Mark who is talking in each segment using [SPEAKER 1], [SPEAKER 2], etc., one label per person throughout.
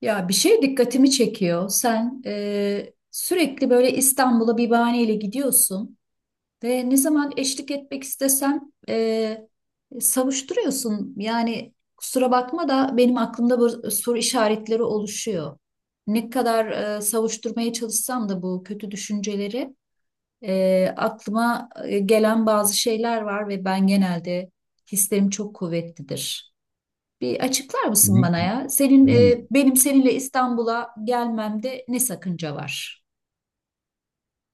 [SPEAKER 1] Ya bir şey dikkatimi çekiyor. Sen sürekli böyle İstanbul'a bir bahaneyle gidiyorsun ve ne zaman eşlik etmek istesem e, savuşturuyorsun. Yani kusura bakma da benim aklımda bu soru işaretleri oluşuyor. Ne kadar savuşturmaya çalışsam da bu kötü düşünceleri aklıma gelen bazı şeyler var ve ben genelde hislerim çok kuvvetlidir. Bir açıklar mısın
[SPEAKER 2] Ne?
[SPEAKER 1] bana ya? Senin
[SPEAKER 2] Bilemiyorum.
[SPEAKER 1] benim seninle İstanbul'a gelmemde ne sakınca var?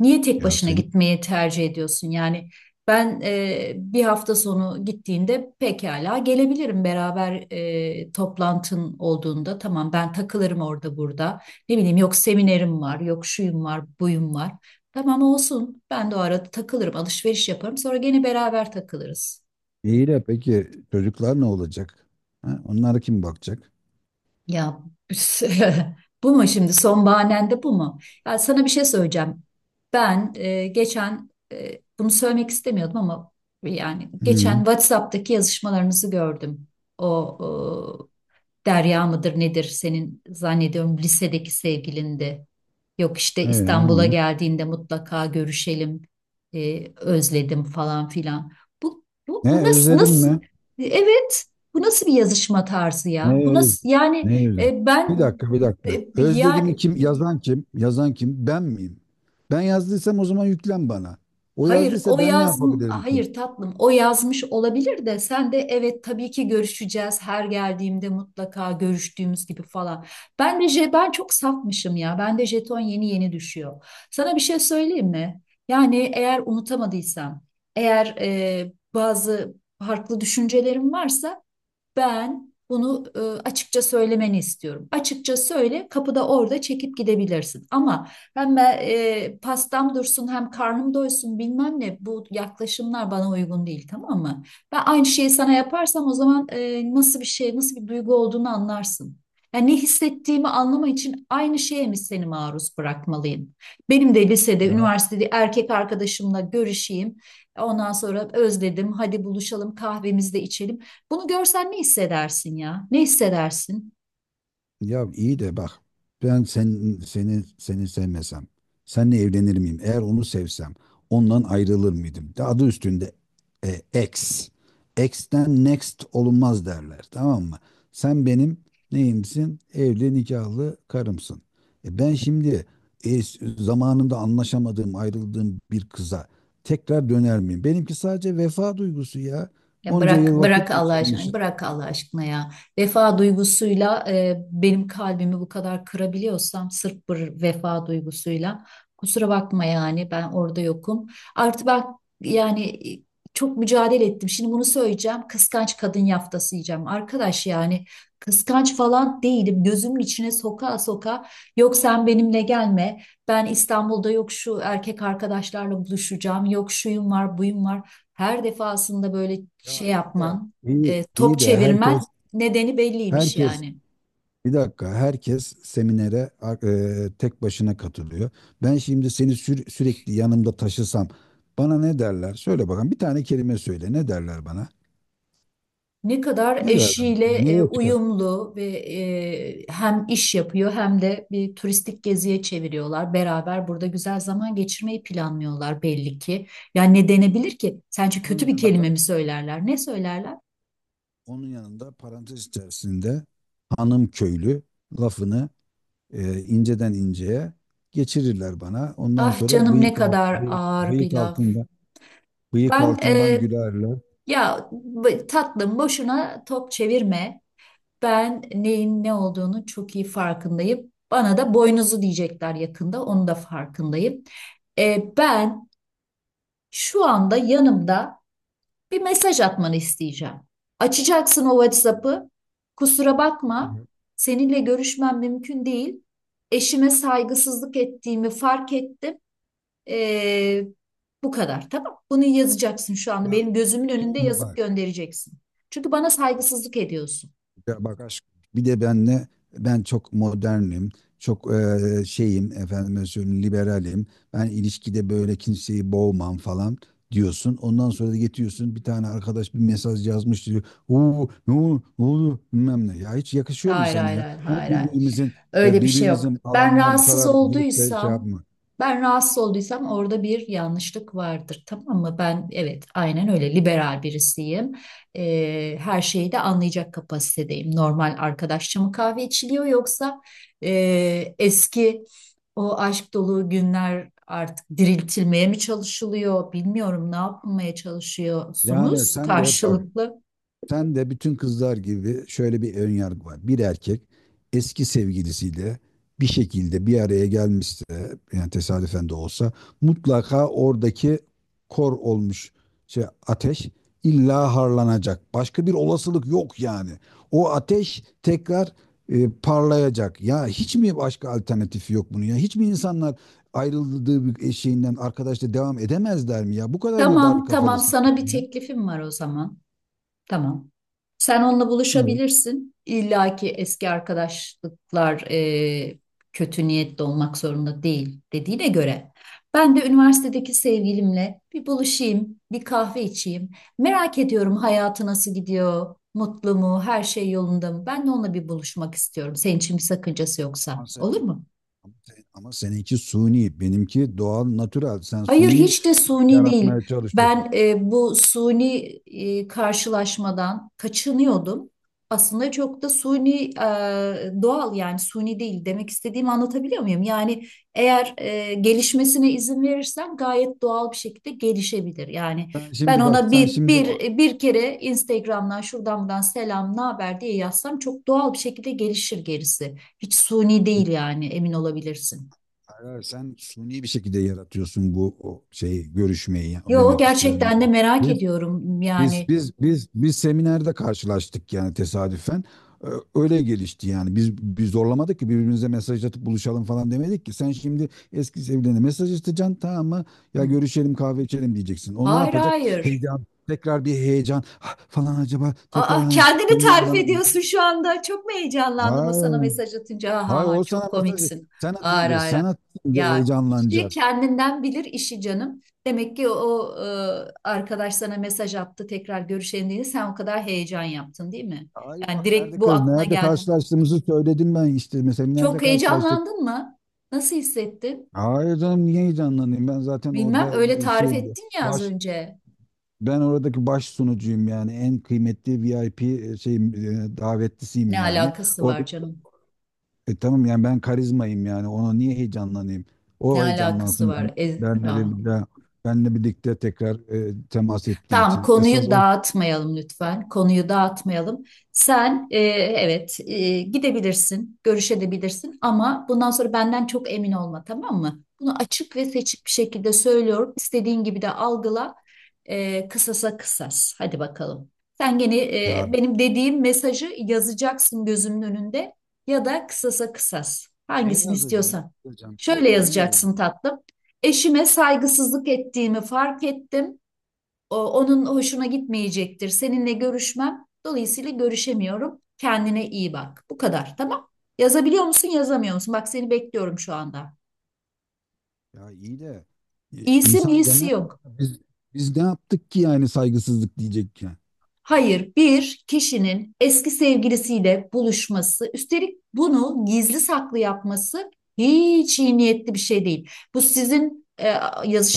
[SPEAKER 1] Niye tek
[SPEAKER 2] Ya
[SPEAKER 1] başına
[SPEAKER 2] senin.
[SPEAKER 1] gitmeyi tercih ediyorsun? Yani ben bir hafta sonu gittiğinde pekala gelebilirim beraber toplantın olduğunda. Tamam ben takılırım orada burada. Ne bileyim yok seminerim var, yok şuyum var, buyum var. Tamam olsun. Ben de o arada takılırım, alışveriş yaparım. Sonra gene beraber takılırız.
[SPEAKER 2] İyi de peki çocuklar ne olacak? Ha, onlara kim bakacak?
[SPEAKER 1] Ya bu mu şimdi son bahanen de bu mu? Ya sana bir şey söyleyeceğim. Ben geçen bunu söylemek istemiyordum ama yani geçen
[SPEAKER 2] Hı.
[SPEAKER 1] WhatsApp'taki yazışmalarınızı gördüm. O Derya mıdır nedir, senin zannediyorum lisedeki sevgilindi. Yok işte
[SPEAKER 2] Ne
[SPEAKER 1] İstanbul'a
[SPEAKER 2] olmuş?
[SPEAKER 1] geldiğinde mutlaka görüşelim, özledim falan filan. Bu
[SPEAKER 2] Ne
[SPEAKER 1] nasıl,
[SPEAKER 2] özledim mi?
[SPEAKER 1] evet, bu nasıl bir yazışma tarzı ya?
[SPEAKER 2] Ne
[SPEAKER 1] Bu
[SPEAKER 2] öz-
[SPEAKER 1] nasıl, yani
[SPEAKER 2] Ne özledim?
[SPEAKER 1] e,
[SPEAKER 2] Bir
[SPEAKER 1] ben
[SPEAKER 2] dakika bir dakika.
[SPEAKER 1] e, ya
[SPEAKER 2] Özledim'i kim? Yazan kim? Yazan kim? Ben miyim? Ben yazdıysam o zaman yüklen bana. O
[SPEAKER 1] hayır,
[SPEAKER 2] yazdıysa ben ne yapabilirim ki?
[SPEAKER 1] hayır tatlım, o yazmış olabilir de sen de evet tabii ki görüşeceğiz her geldiğimde mutlaka görüştüğümüz gibi falan. Ben de ben çok safmışım ya. Ben de jeton yeni yeni düşüyor. Sana bir şey söyleyeyim mi? Yani eğer unutamadıysam, eğer bazı farklı düşüncelerim varsa ben bunu açıkça söylemeni istiyorum. Açıkça söyle, kapıda orada çekip gidebilirsin. Ama hem ben, pastam dursun hem karnım doysun bilmem ne, bu yaklaşımlar bana uygun değil, tamam mı? Ben aynı şeyi sana yaparsam o zaman nasıl bir şey, nasıl bir duygu olduğunu anlarsın. Yani ne hissettiğimi anlama için aynı şeye mi seni maruz bırakmalıyım? Benim de lisede,
[SPEAKER 2] Ya
[SPEAKER 1] üniversitede erkek arkadaşımla görüşeyim. Ondan sonra özledim, hadi buluşalım kahvemizi de içelim. Bunu görsen ne hissedersin ya? Ne hissedersin?
[SPEAKER 2] Ya iyi de bak, ben seni sevmesem seninle evlenir miyim? Eğer onu sevsem ondan ayrılır mıydım? De adı üstünde, ex. Ex'ten next olunmaz derler, tamam mı? Sen benim neyimsin? Evli nikahlı karımsın. Ben şimdi zamanında anlaşamadığım, ayrıldığım bir kıza tekrar döner miyim? Benimki sadece vefa duygusu ya.
[SPEAKER 1] Ya
[SPEAKER 2] Onca
[SPEAKER 1] bırak
[SPEAKER 2] yıl
[SPEAKER 1] bırak
[SPEAKER 2] vakit
[SPEAKER 1] Allah aşkına,
[SPEAKER 2] geçirmişiz.
[SPEAKER 1] bırak Allah aşkına ya. Vefa duygusuyla benim kalbimi bu kadar kırabiliyorsam sırf bir vefa duygusuyla, kusura bakma yani ben orada yokum. Artı bak, yani e, çok mücadele ettim. Şimdi bunu söyleyeceğim. Kıskanç kadın yaftası yiyeceğim. Arkadaş, yani kıskanç falan değilim. Gözümün içine soka soka yok sen benimle gelme. Ben İstanbul'da yok şu erkek arkadaşlarla buluşacağım. Yok şuyum var, buyum var. Her defasında böyle
[SPEAKER 2] Ya
[SPEAKER 1] şey
[SPEAKER 2] iyi de
[SPEAKER 1] yapman,
[SPEAKER 2] iyi
[SPEAKER 1] top
[SPEAKER 2] de herkes.
[SPEAKER 1] çevirmen nedeni belliymiş
[SPEAKER 2] Herkes
[SPEAKER 1] yani.
[SPEAKER 2] Bir dakika, herkes seminere tek başına katılıyor. Ben şimdi seni sürekli yanımda taşısam bana ne derler? Söyle bakalım, bir tane kelime söyle, ne derler bana?
[SPEAKER 1] Ne kadar
[SPEAKER 2] Ne derler?
[SPEAKER 1] eşiyle
[SPEAKER 2] Neye çıkar?
[SPEAKER 1] uyumlu ve hem iş yapıyor hem de bir turistik geziye çeviriyorlar. Beraber burada güzel zaman geçirmeyi planlıyorlar belli ki. Yani ne denebilir ki? Sence
[SPEAKER 2] Onun
[SPEAKER 1] kötü bir
[SPEAKER 2] yanında
[SPEAKER 1] kelime
[SPEAKER 2] da
[SPEAKER 1] mi söylerler? Ne söylerler?
[SPEAKER 2] Onun yanında, parantez içerisinde, hanım köylü lafını inceden inceye geçirirler bana. Ondan
[SPEAKER 1] Ah
[SPEAKER 2] sonra
[SPEAKER 1] canım, ne kadar
[SPEAKER 2] bıyık,
[SPEAKER 1] ağır bir
[SPEAKER 2] bıyık
[SPEAKER 1] laf.
[SPEAKER 2] altında. Bıyık
[SPEAKER 1] Ben
[SPEAKER 2] altından gülerler.
[SPEAKER 1] tatlım, boşuna top çevirme. Ben neyin ne olduğunu çok iyi farkındayım. Bana da boynuzu diyecekler yakında, onu da farkındayım. Ben şu anda yanımda bir mesaj atmanı isteyeceğim. Açacaksın o WhatsApp'ı. Kusura bakma, seninle görüşmem mümkün değil. Eşime saygısızlık ettiğimi fark ettim. E, Bu kadar, tamam. Bunu yazacaksın şu anda.
[SPEAKER 2] Ya
[SPEAKER 1] Benim gözümün önünde
[SPEAKER 2] sonra
[SPEAKER 1] yazıp
[SPEAKER 2] bak,
[SPEAKER 1] göndereceksin. Çünkü bana
[SPEAKER 2] bak, bak.
[SPEAKER 1] saygısızlık ediyorsun.
[SPEAKER 2] Ya bak, aşk bir de benle ben çok modernim, çok şeyim, efendim söyleyeyim, liberalim. Ben ilişkide böyle kimseyi boğmam falan diyorsun. Ondan sonra da getiriyorsun, bir tane arkadaş bir mesaj yazmış diyor. Oo, ne oldu, ne oldu, bilmem ne. Ya hiç yakışıyor mu
[SPEAKER 1] Hayır,
[SPEAKER 2] sana
[SPEAKER 1] hayır,
[SPEAKER 2] ya?
[SPEAKER 1] hayır,
[SPEAKER 2] Hani
[SPEAKER 1] hayır, hayır.
[SPEAKER 2] birbirimizin,
[SPEAKER 1] Öyle bir şey yok.
[SPEAKER 2] birbirimizin alanına bu kadar girip de şey yapma.
[SPEAKER 1] Ben rahatsız olduysam orada bir yanlışlık vardır, tamam mı? Ben evet, aynen öyle liberal birisiyim. Her şeyi de anlayacak kapasitedeyim. Normal arkadaşça mı kahve içiliyor, yoksa eski o aşk dolu günler artık diriltilmeye mi çalışılıyor? Bilmiyorum ne yapmaya
[SPEAKER 2] Yani
[SPEAKER 1] çalışıyorsunuz
[SPEAKER 2] sen de bak.
[SPEAKER 1] karşılıklı.
[SPEAKER 2] Sen de bütün kızlar gibi, şöyle bir ön yargı var. Bir erkek eski sevgilisiyle bir şekilde bir araya gelmişse, yani tesadüfen de olsa, mutlaka oradaki kor olmuş şey, ateş, illa harlanacak. Başka bir olasılık yok yani. O ateş tekrar parlayacak. Ya hiç mi başka alternatifi yok bunun ya? Hiç mi insanlar ayrıldığı bir şeyinden arkadaşla devam edemezler mi ya? Bu kadar mı dar
[SPEAKER 1] Tamam, tamam.
[SPEAKER 2] kafalısın
[SPEAKER 1] Sana bir
[SPEAKER 2] sen ya?
[SPEAKER 1] teklifim var o zaman. Tamam. Sen onunla
[SPEAKER 2] Evet.
[SPEAKER 1] buluşabilirsin. İlla ki eski arkadaşlıklar kötü niyetli olmak zorunda değil dediğine göre. Ben de üniversitedeki sevgilimle bir buluşayım, bir kahve içeyim. Merak ediyorum hayatı nasıl gidiyor, mutlu mu, her şey yolunda mı? Ben de onunla bir buluşmak istiyorum. Senin için bir sakıncası yoksa.
[SPEAKER 2] Maalesef.
[SPEAKER 1] Olur mu?
[SPEAKER 2] Ama seninki suni, benimki doğal, natürel. Sen
[SPEAKER 1] Hayır,
[SPEAKER 2] suni
[SPEAKER 1] hiç de suni değil.
[SPEAKER 2] yaratmaya çalışıyorsun.
[SPEAKER 1] Ben bu suni karşılaşmadan kaçınıyordum. Aslında çok da suni doğal, yani suni değil demek istediğimi anlatabiliyor muyum? Yani eğer gelişmesine izin verirsen gayet doğal bir şekilde gelişebilir. Yani
[SPEAKER 2] Sen
[SPEAKER 1] ben
[SPEAKER 2] şimdi bak,
[SPEAKER 1] ona
[SPEAKER 2] sen
[SPEAKER 1] bir
[SPEAKER 2] şimdi o-
[SPEAKER 1] bir bir kere Instagram'dan şuradan buradan selam ne haber diye yazsam çok doğal bir şekilde gelişir gerisi. Hiç suni değil
[SPEAKER 2] bir-
[SPEAKER 1] yani, emin olabilirsin.
[SPEAKER 2] hayır, hayır, sen suni bir şekilde yaratıyorsun bu o şeyi, görüşmeyi. O
[SPEAKER 1] Yo,
[SPEAKER 2] demek istiyorum
[SPEAKER 1] gerçekten de
[SPEAKER 2] yani.
[SPEAKER 1] merak
[SPEAKER 2] Biz
[SPEAKER 1] ediyorum yani.
[SPEAKER 2] biz biz biz seminerde karşılaştık yani, tesadüfen. Ee, Öyle gelişti yani. Biz zorlamadık ki, birbirimize mesaj atıp buluşalım falan demedik ki. Sen şimdi eski sevgiline mesaj atacaksın, tamam mı? Ya
[SPEAKER 1] Hı.
[SPEAKER 2] görüşelim kahve içelim diyeceksin. O ne
[SPEAKER 1] Hayır
[SPEAKER 2] yapacak?
[SPEAKER 1] hayır.
[SPEAKER 2] Heyecan. Tekrar bir heyecan, "Ah, falan, acaba tekrar
[SPEAKER 1] Aa,
[SPEAKER 2] han-
[SPEAKER 1] kendini
[SPEAKER 2] hanım
[SPEAKER 1] tarif
[SPEAKER 2] bana."
[SPEAKER 1] ediyorsun şu anda. Çok mu heyecanlandın o sana
[SPEAKER 2] Hayır.
[SPEAKER 1] mesaj atınca? Ha
[SPEAKER 2] Hayır,
[SPEAKER 1] ha
[SPEAKER 2] o
[SPEAKER 1] ha,
[SPEAKER 2] sana
[SPEAKER 1] çok
[SPEAKER 2] mesaj
[SPEAKER 1] komiksin.
[SPEAKER 2] sen
[SPEAKER 1] Hayır
[SPEAKER 2] atınca
[SPEAKER 1] hayır.
[SPEAKER 2] sen atınca
[SPEAKER 1] Ya kişi
[SPEAKER 2] heyecanlanacak.
[SPEAKER 1] kendinden bilir işi canım. Demek ki arkadaş sana mesaj attı tekrar görüşelim diye sen o kadar heyecan yaptın değil mi?
[SPEAKER 2] Hayır
[SPEAKER 1] Yani
[SPEAKER 2] bak,
[SPEAKER 1] direkt
[SPEAKER 2] nerede
[SPEAKER 1] bu
[SPEAKER 2] kız,
[SPEAKER 1] aklına
[SPEAKER 2] nerede
[SPEAKER 1] geldi.
[SPEAKER 2] karşılaştığımızı söyledim ben işte, mesela nerede
[SPEAKER 1] Çok
[SPEAKER 2] karşılaştık.
[SPEAKER 1] heyecanlandın mı? Nasıl hissettin?
[SPEAKER 2] Hayır canım, niye heyecanlanayım? Ben zaten
[SPEAKER 1] Bilmem,
[SPEAKER 2] orada
[SPEAKER 1] öyle tarif
[SPEAKER 2] şey,
[SPEAKER 1] ettin ya az
[SPEAKER 2] baş
[SPEAKER 1] önce.
[SPEAKER 2] ben oradaki baş sunucuyum yani, en kıymetli VIP şey davetlisiyim
[SPEAKER 1] Ne
[SPEAKER 2] yani.
[SPEAKER 1] alakası
[SPEAKER 2] Orada,
[SPEAKER 1] var canım?
[SPEAKER 2] tamam yani ben karizmayım yani, ona niye heyecanlanayım?
[SPEAKER 1] Ne
[SPEAKER 2] O
[SPEAKER 1] alakası
[SPEAKER 2] heyecanlansın,
[SPEAKER 1] var?
[SPEAKER 2] benle birlikte benle birlikte tekrar temas ettiği
[SPEAKER 1] Tamam
[SPEAKER 2] için. Esas
[SPEAKER 1] konuyu
[SPEAKER 2] o.
[SPEAKER 1] dağıtmayalım lütfen. Konuyu dağıtmayalım. Sen evet gidebilirsin, görüşebilirsin ama bundan sonra benden çok emin olma, tamam mı? Bunu açık ve seçik bir şekilde söylüyorum. İstediğin gibi de algıla. E, kısasa kısas. Hadi bakalım. Sen gene
[SPEAKER 2] Ya,
[SPEAKER 1] benim dediğim mesajı yazacaksın gözümün önünde, ya da kısasa kısas.
[SPEAKER 2] ne
[SPEAKER 1] Hangisini
[SPEAKER 2] yazacağım? Ne
[SPEAKER 1] istiyorsan.
[SPEAKER 2] yazacağım?
[SPEAKER 1] Şöyle
[SPEAKER 2] Şöyle ne
[SPEAKER 1] yazacaksın
[SPEAKER 2] yazacağım?
[SPEAKER 1] tatlım. Eşime saygısızlık ettiğimi fark ettim, onun hoşuna gitmeyecektir. Seninle görüşmem. Dolayısıyla görüşemiyorum. Kendine iyi bak. Bu kadar. Tamam. Yazabiliyor musun, yazamıyor musun? Bak seni bekliyorum şu anda.
[SPEAKER 2] Ya iyi de
[SPEAKER 1] İyisi mi,
[SPEAKER 2] insan
[SPEAKER 1] iyisi
[SPEAKER 2] demez mi?
[SPEAKER 1] yok.
[SPEAKER 2] biz biz ne yaptık ki, yani saygısızlık diyecek ya.
[SPEAKER 1] Hayır, bir kişinin eski sevgilisiyle buluşması, üstelik bunu gizli saklı yapması hiç iyi niyetli bir şey değil. Bu sizin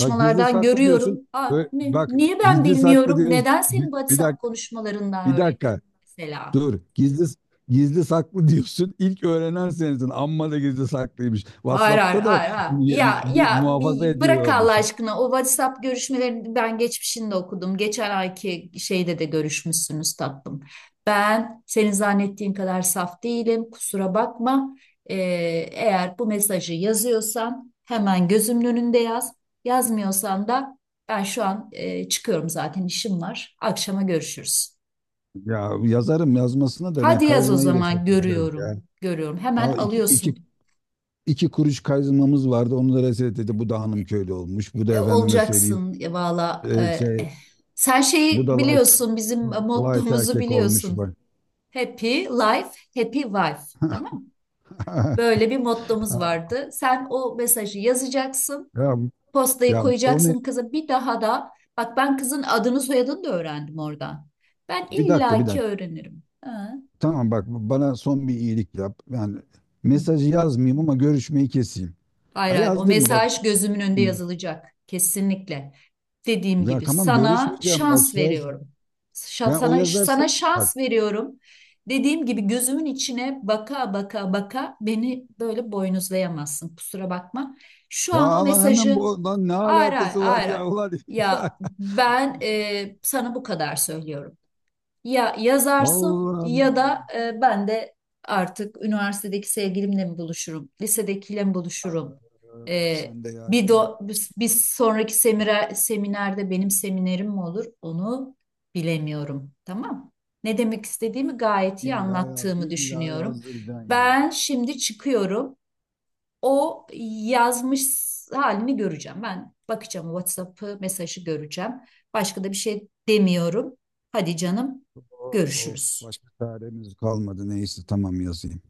[SPEAKER 2] Ya gizli saklı diyorsun.
[SPEAKER 1] görüyorum. Aa,
[SPEAKER 2] Bak,
[SPEAKER 1] niye ben
[SPEAKER 2] gizli saklı
[SPEAKER 1] bilmiyorum?
[SPEAKER 2] diyorsun.
[SPEAKER 1] Neden senin
[SPEAKER 2] Bir
[SPEAKER 1] WhatsApp
[SPEAKER 2] dakika
[SPEAKER 1] konuşmalarından
[SPEAKER 2] bir
[SPEAKER 1] öğreniyorum
[SPEAKER 2] dakika
[SPEAKER 1] mesela?
[SPEAKER 2] dur. Gizli saklı diyorsun. İlk öğrenen sensin. Amma da gizli saklıymış.
[SPEAKER 1] Hayır hayır
[SPEAKER 2] WhatsApp'ta da
[SPEAKER 1] hayır, hayır. Ya ya,
[SPEAKER 2] muhafaza
[SPEAKER 1] bir bırak Allah
[SPEAKER 2] ediyormuş.
[SPEAKER 1] aşkına, o WhatsApp görüşmelerini ben geçmişinde okudum. Geçen ayki şeyde de görüşmüşsünüz tatlım. Ben senin zannettiğin kadar saf değilim. Kusura bakma. Ee, eğer bu mesajı yazıyorsan hemen gözümün önünde yaz. Yazmıyorsan da ben şu an çıkıyorum zaten, işim var. Akşama görüşürüz.
[SPEAKER 2] Ya yazarım yazmasına da, ben
[SPEAKER 1] Hadi yaz o
[SPEAKER 2] karizmayı
[SPEAKER 1] zaman,
[SPEAKER 2] resetleyeceğiz
[SPEAKER 1] görüyorum.
[SPEAKER 2] ya.
[SPEAKER 1] Görüyorum. Hemen
[SPEAKER 2] Vallahi iki, iki,
[SPEAKER 1] alıyorsun.
[SPEAKER 2] iki kuruş karizmamız vardı. Onu da reset. Bu da hanım köylü olmuş. Bu
[SPEAKER 1] E,
[SPEAKER 2] da efendime söyleyeyim.
[SPEAKER 1] olacaksın ya, valla.
[SPEAKER 2] Şey,
[SPEAKER 1] Eh. Sen
[SPEAKER 2] bu da
[SPEAKER 1] şeyi
[SPEAKER 2] light,
[SPEAKER 1] biliyorsun, bizim
[SPEAKER 2] light
[SPEAKER 1] mottomuzu
[SPEAKER 2] erkek olmuş
[SPEAKER 1] biliyorsun.
[SPEAKER 2] bak.
[SPEAKER 1] Happy life, happy wife. Tamam mı? Böyle bir mottomuz vardı. Sen o mesajı yazacaksın,
[SPEAKER 2] Ya,
[SPEAKER 1] postayı
[SPEAKER 2] Ya onu
[SPEAKER 1] koyacaksın kıza. Bir daha da, bak ben kızın adını soyadını da öğrendim oradan. Ben
[SPEAKER 2] bir dakika bir
[SPEAKER 1] illaki
[SPEAKER 2] dakika.
[SPEAKER 1] öğrenirim. Ha.
[SPEAKER 2] Tamam bak, bana son bir iyilik yap. Yani
[SPEAKER 1] Hı.
[SPEAKER 2] mesajı yazmayayım ama görüşmeyi keseyim.
[SPEAKER 1] Hayır
[SPEAKER 2] Ya
[SPEAKER 1] hayır, o
[SPEAKER 2] yazdın mı bak.
[SPEAKER 1] mesaj gözümün önünde yazılacak kesinlikle. Dediğim
[SPEAKER 2] Ya
[SPEAKER 1] gibi
[SPEAKER 2] tamam,
[SPEAKER 1] sana
[SPEAKER 2] görüşmeyeceğim, bak,
[SPEAKER 1] şans
[SPEAKER 2] söz.
[SPEAKER 1] veriyorum.
[SPEAKER 2] Ya o
[SPEAKER 1] Sana
[SPEAKER 2] yazarsa
[SPEAKER 1] sana
[SPEAKER 2] bak.
[SPEAKER 1] şans veriyorum. Dediğim gibi gözümün içine baka baka baka beni böyle boynuzlayamazsın. Kusura bakma. Şu
[SPEAKER 2] Ya
[SPEAKER 1] an o
[SPEAKER 2] lan, hemen
[SPEAKER 1] mesajı,
[SPEAKER 2] bu lan ne
[SPEAKER 1] hayır hayır
[SPEAKER 2] alakası var
[SPEAKER 1] hayır, hayır.
[SPEAKER 2] ya, ulan ya.
[SPEAKER 1] Ya ben sana bu kadar söylüyorum. Ya yazarsın
[SPEAKER 2] Allah'ım
[SPEAKER 1] ya
[SPEAKER 2] ya.
[SPEAKER 1] da ben de artık üniversitedeki sevgilimle mi buluşurum, lisedekiyle mi buluşurum?
[SPEAKER 2] Ya,
[SPEAKER 1] E,
[SPEAKER 2] sen de ya,
[SPEAKER 1] bir sonraki seminerde benim seminerim mi olur? Onu bilemiyorum. Tamam. Ne demek istediğimi gayet iyi
[SPEAKER 2] illa ya
[SPEAKER 1] anlattığımı
[SPEAKER 2] illa
[SPEAKER 1] düşünüyorum.
[SPEAKER 2] yazdıracaksın yani.
[SPEAKER 1] Ben şimdi çıkıyorum. O yazmış halini göreceğim. Ben bakacağım o WhatsApp'ı, mesajı göreceğim. Başka da bir şey demiyorum. Hadi canım,
[SPEAKER 2] Of, of,
[SPEAKER 1] görüşürüz.
[SPEAKER 2] başka çaremiz kalmadı. Neyse, tamam, yazayım.